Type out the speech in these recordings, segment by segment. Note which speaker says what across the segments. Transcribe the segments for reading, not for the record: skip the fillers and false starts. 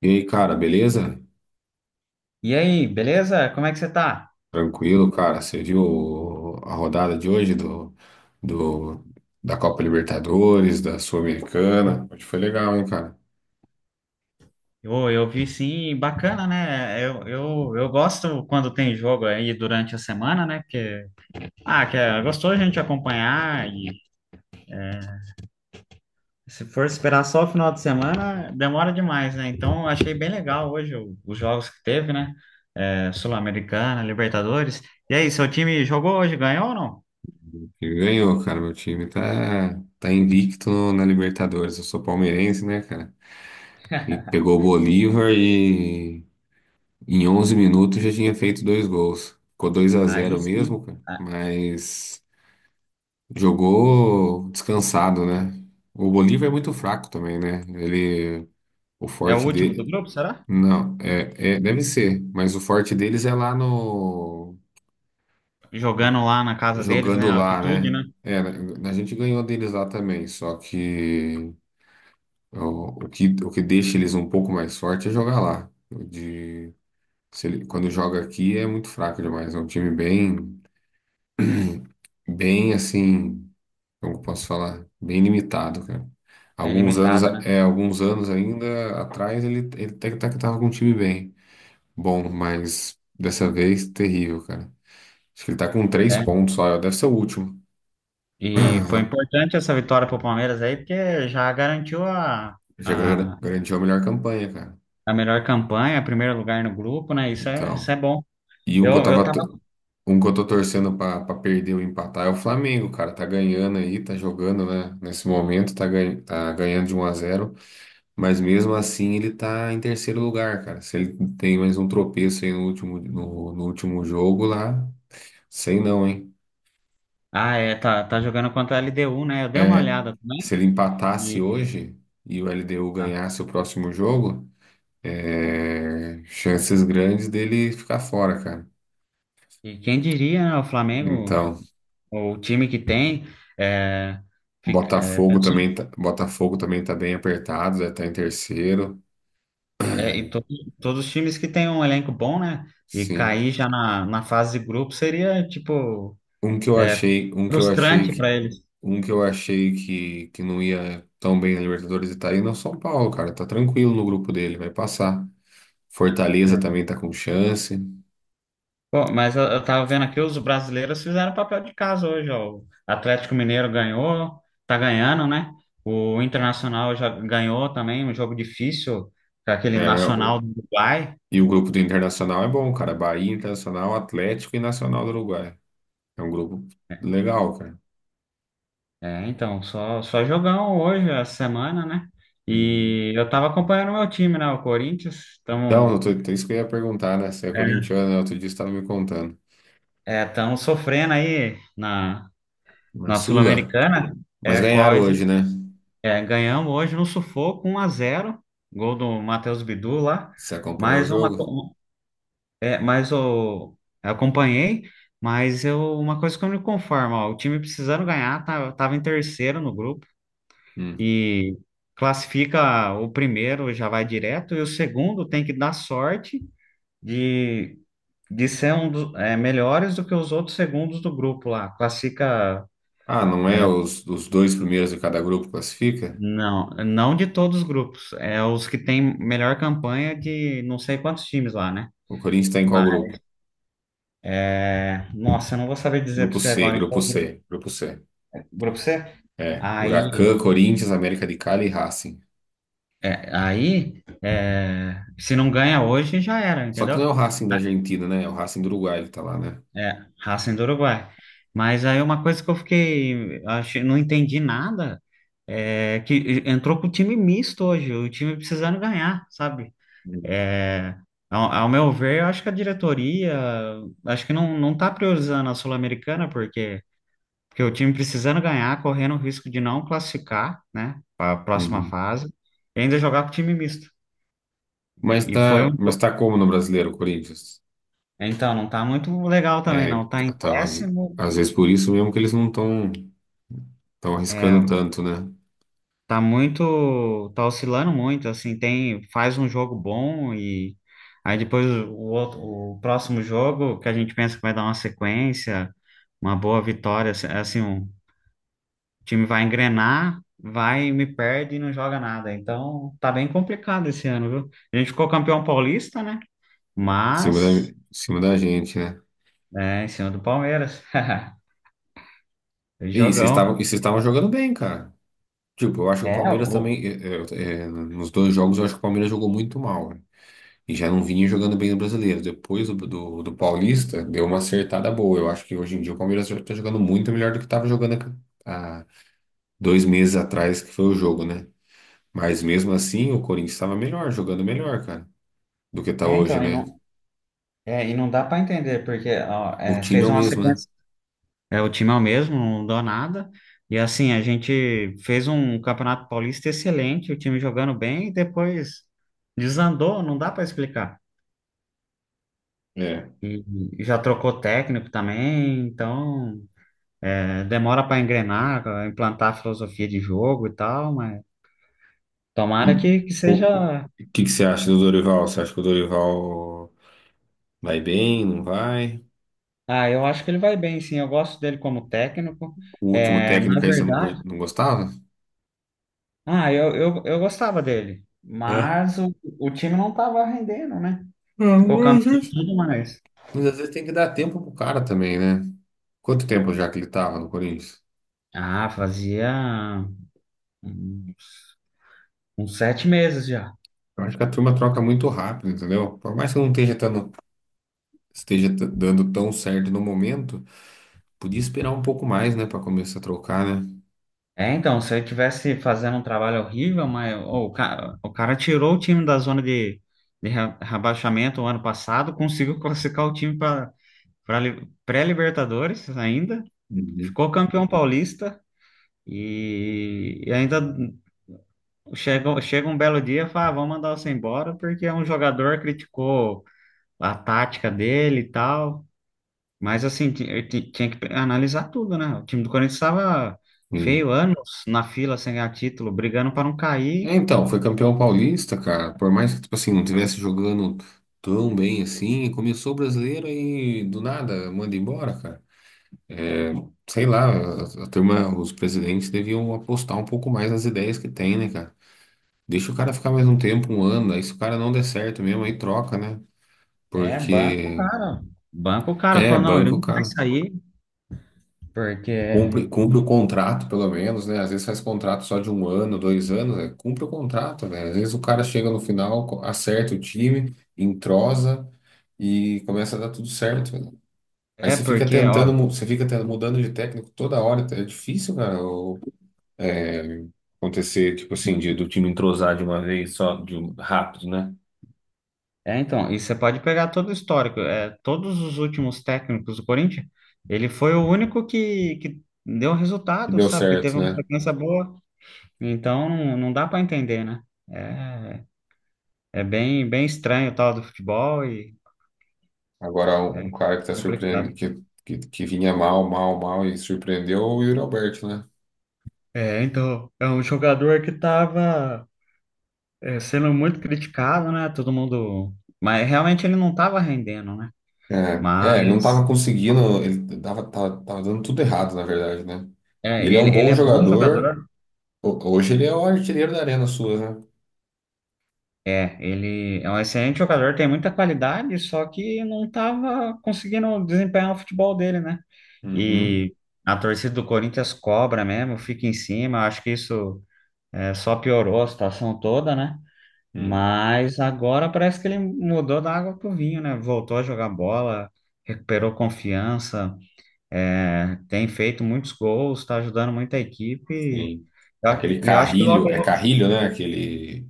Speaker 1: E aí, cara, beleza?
Speaker 2: E aí, beleza? Como é que você tá?
Speaker 1: Tranquilo, cara. Você viu a rodada de hoje do- da Copa Libertadores, da Sul-Americana? Hoje foi legal, hein, cara?
Speaker 2: Eu vi sim, bacana, né? Eu gosto quando tem jogo aí durante a semana, né? Que é gostoso a gente acompanhar e se for esperar só o final de semana, demora demais, né? Então, eu achei bem legal hoje os jogos que teve, né? Sul-Americana, Libertadores. E aí, seu time jogou hoje, ganhou ou não?
Speaker 1: E ganhou, cara. Meu time tá invicto na Libertadores. Eu sou palmeirense, né, cara? E pegou o Bolívar e em 11 minutos já tinha feito dois gols. Ficou dois a
Speaker 2: Aí
Speaker 1: zero mesmo,
Speaker 2: sim.
Speaker 1: cara.
Speaker 2: Ah.
Speaker 1: Mas jogou descansado, né? O Bolívar é muito fraco também, né? Ele O
Speaker 2: É o
Speaker 1: forte
Speaker 2: último do
Speaker 1: de.
Speaker 2: grupo, será?
Speaker 1: Não, deve ser, mas o forte deles é lá no.
Speaker 2: Jogando lá na casa deles, né?
Speaker 1: Jogando lá,
Speaker 2: Altitude,
Speaker 1: né?
Speaker 2: né?
Speaker 1: É, a gente ganhou deles lá também, só que o que deixa eles um pouco mais forte é jogar lá. O De, se ele- quando joga aqui é muito fraco demais, é um time bem assim, como eu posso falar, bem limitado, cara.
Speaker 2: Bem
Speaker 1: Alguns anos,
Speaker 2: limitada,
Speaker 1: a-
Speaker 2: né?
Speaker 1: é, alguns anos ainda atrás ele até que tava com um time bem. Bom, mas dessa vez terrível, cara. Acho que ele tá com 3 pontos só, deve ser o último.
Speaker 2: E foi importante essa vitória para o Palmeiras aí, porque já garantiu
Speaker 1: Já gar-
Speaker 2: a,
Speaker 1: garantiu a melhor campanha, cara.
Speaker 2: a melhor campanha, primeiro lugar no grupo, né? Isso é, isso
Speaker 1: Então,
Speaker 2: é bom.
Speaker 1: e um que eu
Speaker 2: Eu
Speaker 1: tava,
Speaker 2: tava.
Speaker 1: t- um que eu tô torcendo pra perder ou empatar é o Flamengo, cara. Tá ganhando aí, tá jogando, né? Nesse momento, tá ganhando de 1-0. Mas mesmo assim ele tá em terceiro lugar, cara. Se ele tem mais um tropeço aí no último, no último jogo lá, sei não, hein?
Speaker 2: Ah, tá jogando contra a LDU, né? Eu dei uma
Speaker 1: É,
Speaker 2: olhada
Speaker 1: se
Speaker 2: também.
Speaker 1: ele empatasse
Speaker 2: E,
Speaker 1: hoje e o LDU
Speaker 2: ah,
Speaker 1: ganhasse o próximo jogo, é, chances grandes dele ficar fora, cara.
Speaker 2: e quem diria, né? O Flamengo,
Speaker 1: Então,
Speaker 2: o time que tem, é, fica- é,
Speaker 1: Botafogo
Speaker 2: pensou-
Speaker 1: também tá, Botafogo também tá bem apertado, já tá em terceiro.
Speaker 2: é, e to- todos os times que têm um elenco bom, né? E
Speaker 1: Sim.
Speaker 2: cair já na fase de grupo seria, tipo, é,
Speaker 1: Um que eu achei
Speaker 2: frustrante para
Speaker 1: que
Speaker 2: eles.
Speaker 1: Um que eu achei que não ia tão bem na Libertadores e tá indo é o São Paulo, cara. Tá tranquilo no grupo dele, vai passar. Fortaleza
Speaker 2: É.
Speaker 1: também tá com chance.
Speaker 2: Pô, mas eu tava vendo aqui, os brasileiros fizeram papel de casa hoje, ó. O Atlético Mineiro ganhou, tá ganhando, né? O Internacional já ganhou também, um jogo difícil, com aquele Nacional do Uruguai.
Speaker 1: E o grupo do Internacional é bom, cara. Bahia, Internacional, Atlético e Nacional do Uruguai. É um grupo legal, cara.
Speaker 2: Então, só jogão hoje, essa semana, né?
Speaker 1: Uhum.
Speaker 2: E eu tava acompanhando o meu time, né? O Corinthians,
Speaker 1: Então, isso que eu ia perguntar, né? Você é corintiano, né? Outro dia você estava me contando.
Speaker 2: tamo sofrendo aí na,
Speaker 1: Na
Speaker 2: na
Speaker 1: Sula?
Speaker 2: Sul-Americana,
Speaker 1: Mas
Speaker 2: é, com
Speaker 1: ganharam hoje, né?
Speaker 2: Ganhamos hoje no sufoco 1-0, gol do Matheus Bidu lá,
Speaker 1: Você acompanhou o
Speaker 2: mas uma
Speaker 1: jogo?
Speaker 2: co- é, mas o eu acompanhei, mas eu uma coisa que eu não me conformo, ó, o time precisando ganhar, tava em terceiro no grupo
Speaker 1: Hum.
Speaker 2: e classifica o primeiro já vai direto e o segundo tem que dar sorte de de ser um dos melhores do que os outros segundos do grupo lá. Classifica.
Speaker 1: Ah, não é
Speaker 2: é,
Speaker 1: os dois primeiros de cada grupo classifica?
Speaker 2: Não, não de todos os grupos. É os que têm melhor campanha de não sei quantos times lá, né?
Speaker 1: O Corinthians está em qual
Speaker 2: Mas,
Speaker 1: grupo?
Speaker 2: nossa, eu não vou saber dizer para
Speaker 1: Grupo
Speaker 2: você
Speaker 1: C,
Speaker 2: agora em
Speaker 1: grupo
Speaker 2: qual grupo.
Speaker 1: C, grupo C.
Speaker 2: Grupo C.
Speaker 1: É, Huracan,
Speaker 2: Aí,
Speaker 1: Corinthians, América de Cali e Racing.
Speaker 2: Se não ganha hoje, já era,
Speaker 1: Só que não é
Speaker 2: entendeu?
Speaker 1: o Racing da Argentina, né? É o Racing do Uruguai que tá lá, né?
Speaker 2: É, Racing do Uruguai. Mas aí uma coisa que eu fiquei, achei, não entendi nada, é que entrou com o time misto hoje, o time precisando ganhar, sabe? É, ao meu ver, eu acho que a diretoria, acho que não tá priorizando a Sul-Americana, porque o time precisando ganhar, correndo o risco de não classificar, né, para a próxima
Speaker 1: Uhum.
Speaker 2: fase, e ainda jogar com time misto.
Speaker 1: Mas
Speaker 2: E foi
Speaker 1: tá,
Speaker 2: um.
Speaker 1: mas tá como no Brasileiro, o Corinthians?
Speaker 2: Então, não tá muito legal também,
Speaker 1: É,
Speaker 2: não. Tá em
Speaker 1: tá, tá, às,
Speaker 2: 10º,
Speaker 1: às vezes por isso mesmo que eles não estão tão arriscando tanto, né?
Speaker 2: tá oscilando muito, assim, tem, faz um jogo bom e aí depois o outro, o próximo jogo que a gente pensa que vai dar uma sequência, uma boa vitória, assim, assim, um. O time vai engrenar, vai e me perde e não joga nada. Então, tá bem complicado esse ano, viu? A gente ficou campeão paulista, né?
Speaker 1: Em cima da,
Speaker 2: Mas,
Speaker 1: em cima da gente, né?
Speaker 2: em cima do Palmeiras.
Speaker 1: E vocês
Speaker 2: Jogão.
Speaker 1: estavam, e vocês estavam jogando bem, cara. Tipo, eu acho que o
Speaker 2: É,
Speaker 1: Palmeiras
Speaker 2: o-
Speaker 1: também, nos dois jogos, eu acho que o Palmeiras jogou muito mal, né? E já não vinha jogando bem no Brasileiro. Depois do Paulista, deu uma acertada boa. Eu acho que hoje em dia o Palmeiras já tá jogando muito melhor do que estava jogando há 2 meses atrás, que foi o jogo, né? Mas mesmo assim, o Corinthians estava melhor, jogando melhor, cara, do que tá hoje,
Speaker 2: então, e
Speaker 1: né?
Speaker 2: não, é, e não dá para entender, porque ó,
Speaker 1: O time é
Speaker 2: fez
Speaker 1: o
Speaker 2: uma
Speaker 1: mesmo, né?
Speaker 2: sequência. É, o time é o mesmo, não deu nada. E assim, a gente fez um Campeonato Paulista excelente, o time jogando bem, e depois desandou, não dá para explicar.
Speaker 1: É.
Speaker 2: E já trocou técnico também, então. Demora para engrenar, pra implantar a filosofia de jogo e tal, mas tomara
Speaker 1: E
Speaker 2: que
Speaker 1: o
Speaker 2: seja.
Speaker 1: que que você acha do Dorival? Você acha que o Dorival vai bem, não vai?
Speaker 2: Ah, eu acho que ele vai bem, sim. Eu gosto dele como técnico.
Speaker 1: O último
Speaker 2: Na
Speaker 1: técnico aí você não,
Speaker 2: verdade,
Speaker 1: não gostava?
Speaker 2: eu gostava dele,
Speaker 1: É.
Speaker 2: mas o time não estava rendendo, né? Ficou
Speaker 1: Não, às
Speaker 2: campeão e
Speaker 1: vezes.
Speaker 2: tudo mais.
Speaker 1: Mas às vezes tem que dar tempo pro cara também, né? Quanto tempo já que ele tava no Corinthians?
Speaker 2: Ah, fazia uns, uns 7 meses já.
Speaker 1: Eu acho que a turma troca muito rápido, entendeu? Por mais que não esteja dando tão certo no momento, podia esperar um pouco mais, né, pra começar a trocar, né?
Speaker 2: Então, se ele tivesse fazendo um trabalho horrível, mas ô, o cara tirou o time da zona de rebaixamento o ano passado, conseguiu classificar o time para pré-Libertadores ainda, ficou campeão paulista e ainda chega um belo dia e fala, ah, vamos mandar você embora porque um jogador criticou a tática dele e tal. Mas assim, tinha que analisar tudo, né? O time do Corinthians estava
Speaker 1: Sim.
Speaker 2: feio, anos na fila sem ganhar título, brigando para não cair.
Speaker 1: É, então, foi campeão paulista, cara. Por mais que, tipo assim, não tivesse jogando tão bem assim, começou o brasileiro e do nada manda embora, cara. É, sei lá, a turma, os presidentes deviam apostar um pouco mais nas ideias que tem, né, cara? Deixa o cara ficar mais um tempo, um ano, aí se o cara não der certo mesmo, aí troca, né?
Speaker 2: É, banco,
Speaker 1: Porque
Speaker 2: cara. Banco, o cara
Speaker 1: é
Speaker 2: falou, não, ele
Speaker 1: banco,
Speaker 2: não vai
Speaker 1: cara.
Speaker 2: sair.
Speaker 1: Cumpre,
Speaker 2: Porque.
Speaker 1: cumpre o contrato, pelo menos, né? Às vezes faz contrato só de um ano, 2 anos, né? Cumpre o contrato, velho. Às vezes o cara chega no final, acerta o time, entrosa e começa a dar tudo certo, né? Aí
Speaker 2: É,
Speaker 1: você fica
Speaker 2: porque,
Speaker 1: tentando,
Speaker 2: ó.
Speaker 1: mudando de técnico toda hora, é difícil, cara, é, acontecer, tipo assim, do time entrosar de uma vez só, rápido, né?
Speaker 2: Então, e você pode pegar todo o histórico, todos os últimos técnicos do Corinthians, ele foi o único que deu
Speaker 1: E
Speaker 2: resultado,
Speaker 1: deu
Speaker 2: sabe? Que teve
Speaker 1: certo,
Speaker 2: uma
Speaker 1: né?
Speaker 2: sequência boa. Então, não dá para entender, né? É, é bem, bem estranho o tal do futebol.
Speaker 1: Agora,
Speaker 2: É
Speaker 1: um cara que tá
Speaker 2: complicado.
Speaker 1: surpreendendo, que vinha mal, mal, mal e surpreendeu é o Yuri Alberto, né?
Speaker 2: Então, é um jogador que estava sendo muito criticado, né? Todo mundo. Mas realmente ele não estava rendendo, né?
Speaker 1: É, ele não
Speaker 2: Mas
Speaker 1: tava conseguindo, ele tava dando tudo errado, na verdade, né? E ele é um
Speaker 2: ele
Speaker 1: bom
Speaker 2: é bom
Speaker 1: jogador.
Speaker 2: jogador.
Speaker 1: Hoje ele é o artilheiro da Arena Suas, né?
Speaker 2: É, ele é um excelente jogador, tem muita qualidade, só que não estava conseguindo desempenhar o futebol dele, né?
Speaker 1: Uhum.
Speaker 2: E a torcida do Corinthians cobra mesmo, fica em cima. Acho que isso só piorou a situação toda, né?
Speaker 1: Hum,
Speaker 2: Mas agora parece que ele mudou da água pro vinho, né? Voltou a jogar bola, recuperou confiança, tem feito muitos gols, está ajudando muito a equipe. E
Speaker 1: sim.
Speaker 2: eu
Speaker 1: Aquele
Speaker 2: e eu acho que logo.
Speaker 1: Carrilho, é Carrilho, né? Aquele,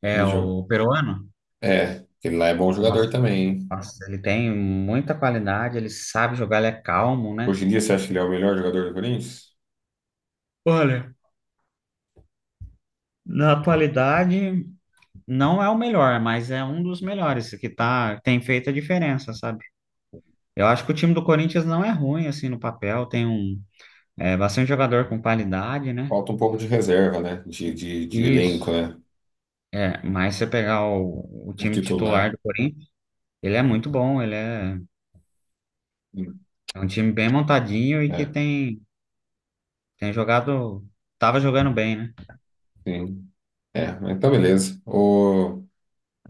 Speaker 2: É
Speaker 1: aquele jogo.
Speaker 2: o peruano.
Speaker 1: É, aquele lá é bom jogador
Speaker 2: Nossa,
Speaker 1: também, hein?
Speaker 2: nossa, ele tem muita qualidade, ele sabe jogar, ele é calmo, né?
Speaker 1: Hoje em dia você acha que ele é o melhor jogador do Corinthians?
Speaker 2: Olha, na atualidade não é o melhor, mas é um dos melhores que tá, tem feito a diferença, sabe? Eu acho que o time do Corinthians não é ruim assim no papel, tem um. É bastante jogador com qualidade, né?
Speaker 1: Falta um pouco de reserva, né? De elenco,
Speaker 2: Isso.
Speaker 1: né?
Speaker 2: É, mas você pegar o
Speaker 1: O
Speaker 2: time titular
Speaker 1: titular.
Speaker 2: do Corinthians, ele é muito bom, ele é,
Speaker 1: Hum,
Speaker 2: é um time bem montadinho e que
Speaker 1: É,
Speaker 2: tem jogado, tava jogando bem, né?
Speaker 1: sim. É, mas então beleza. Ô.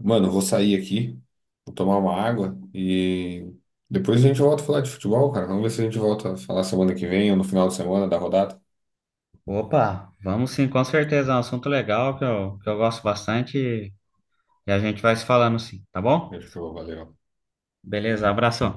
Speaker 1: Mano, eu vou sair aqui, vou tomar uma água e depois a gente volta a falar de futebol, cara. Vamos ver se a gente volta a falar semana que vem ou no final de semana da rodada.
Speaker 2: Opa, vamos sim, com certeza, é um assunto legal que eu gosto bastante e a gente vai se falando sim, tá bom?
Speaker 1: Fechou, valeu.
Speaker 2: Beleza, abração.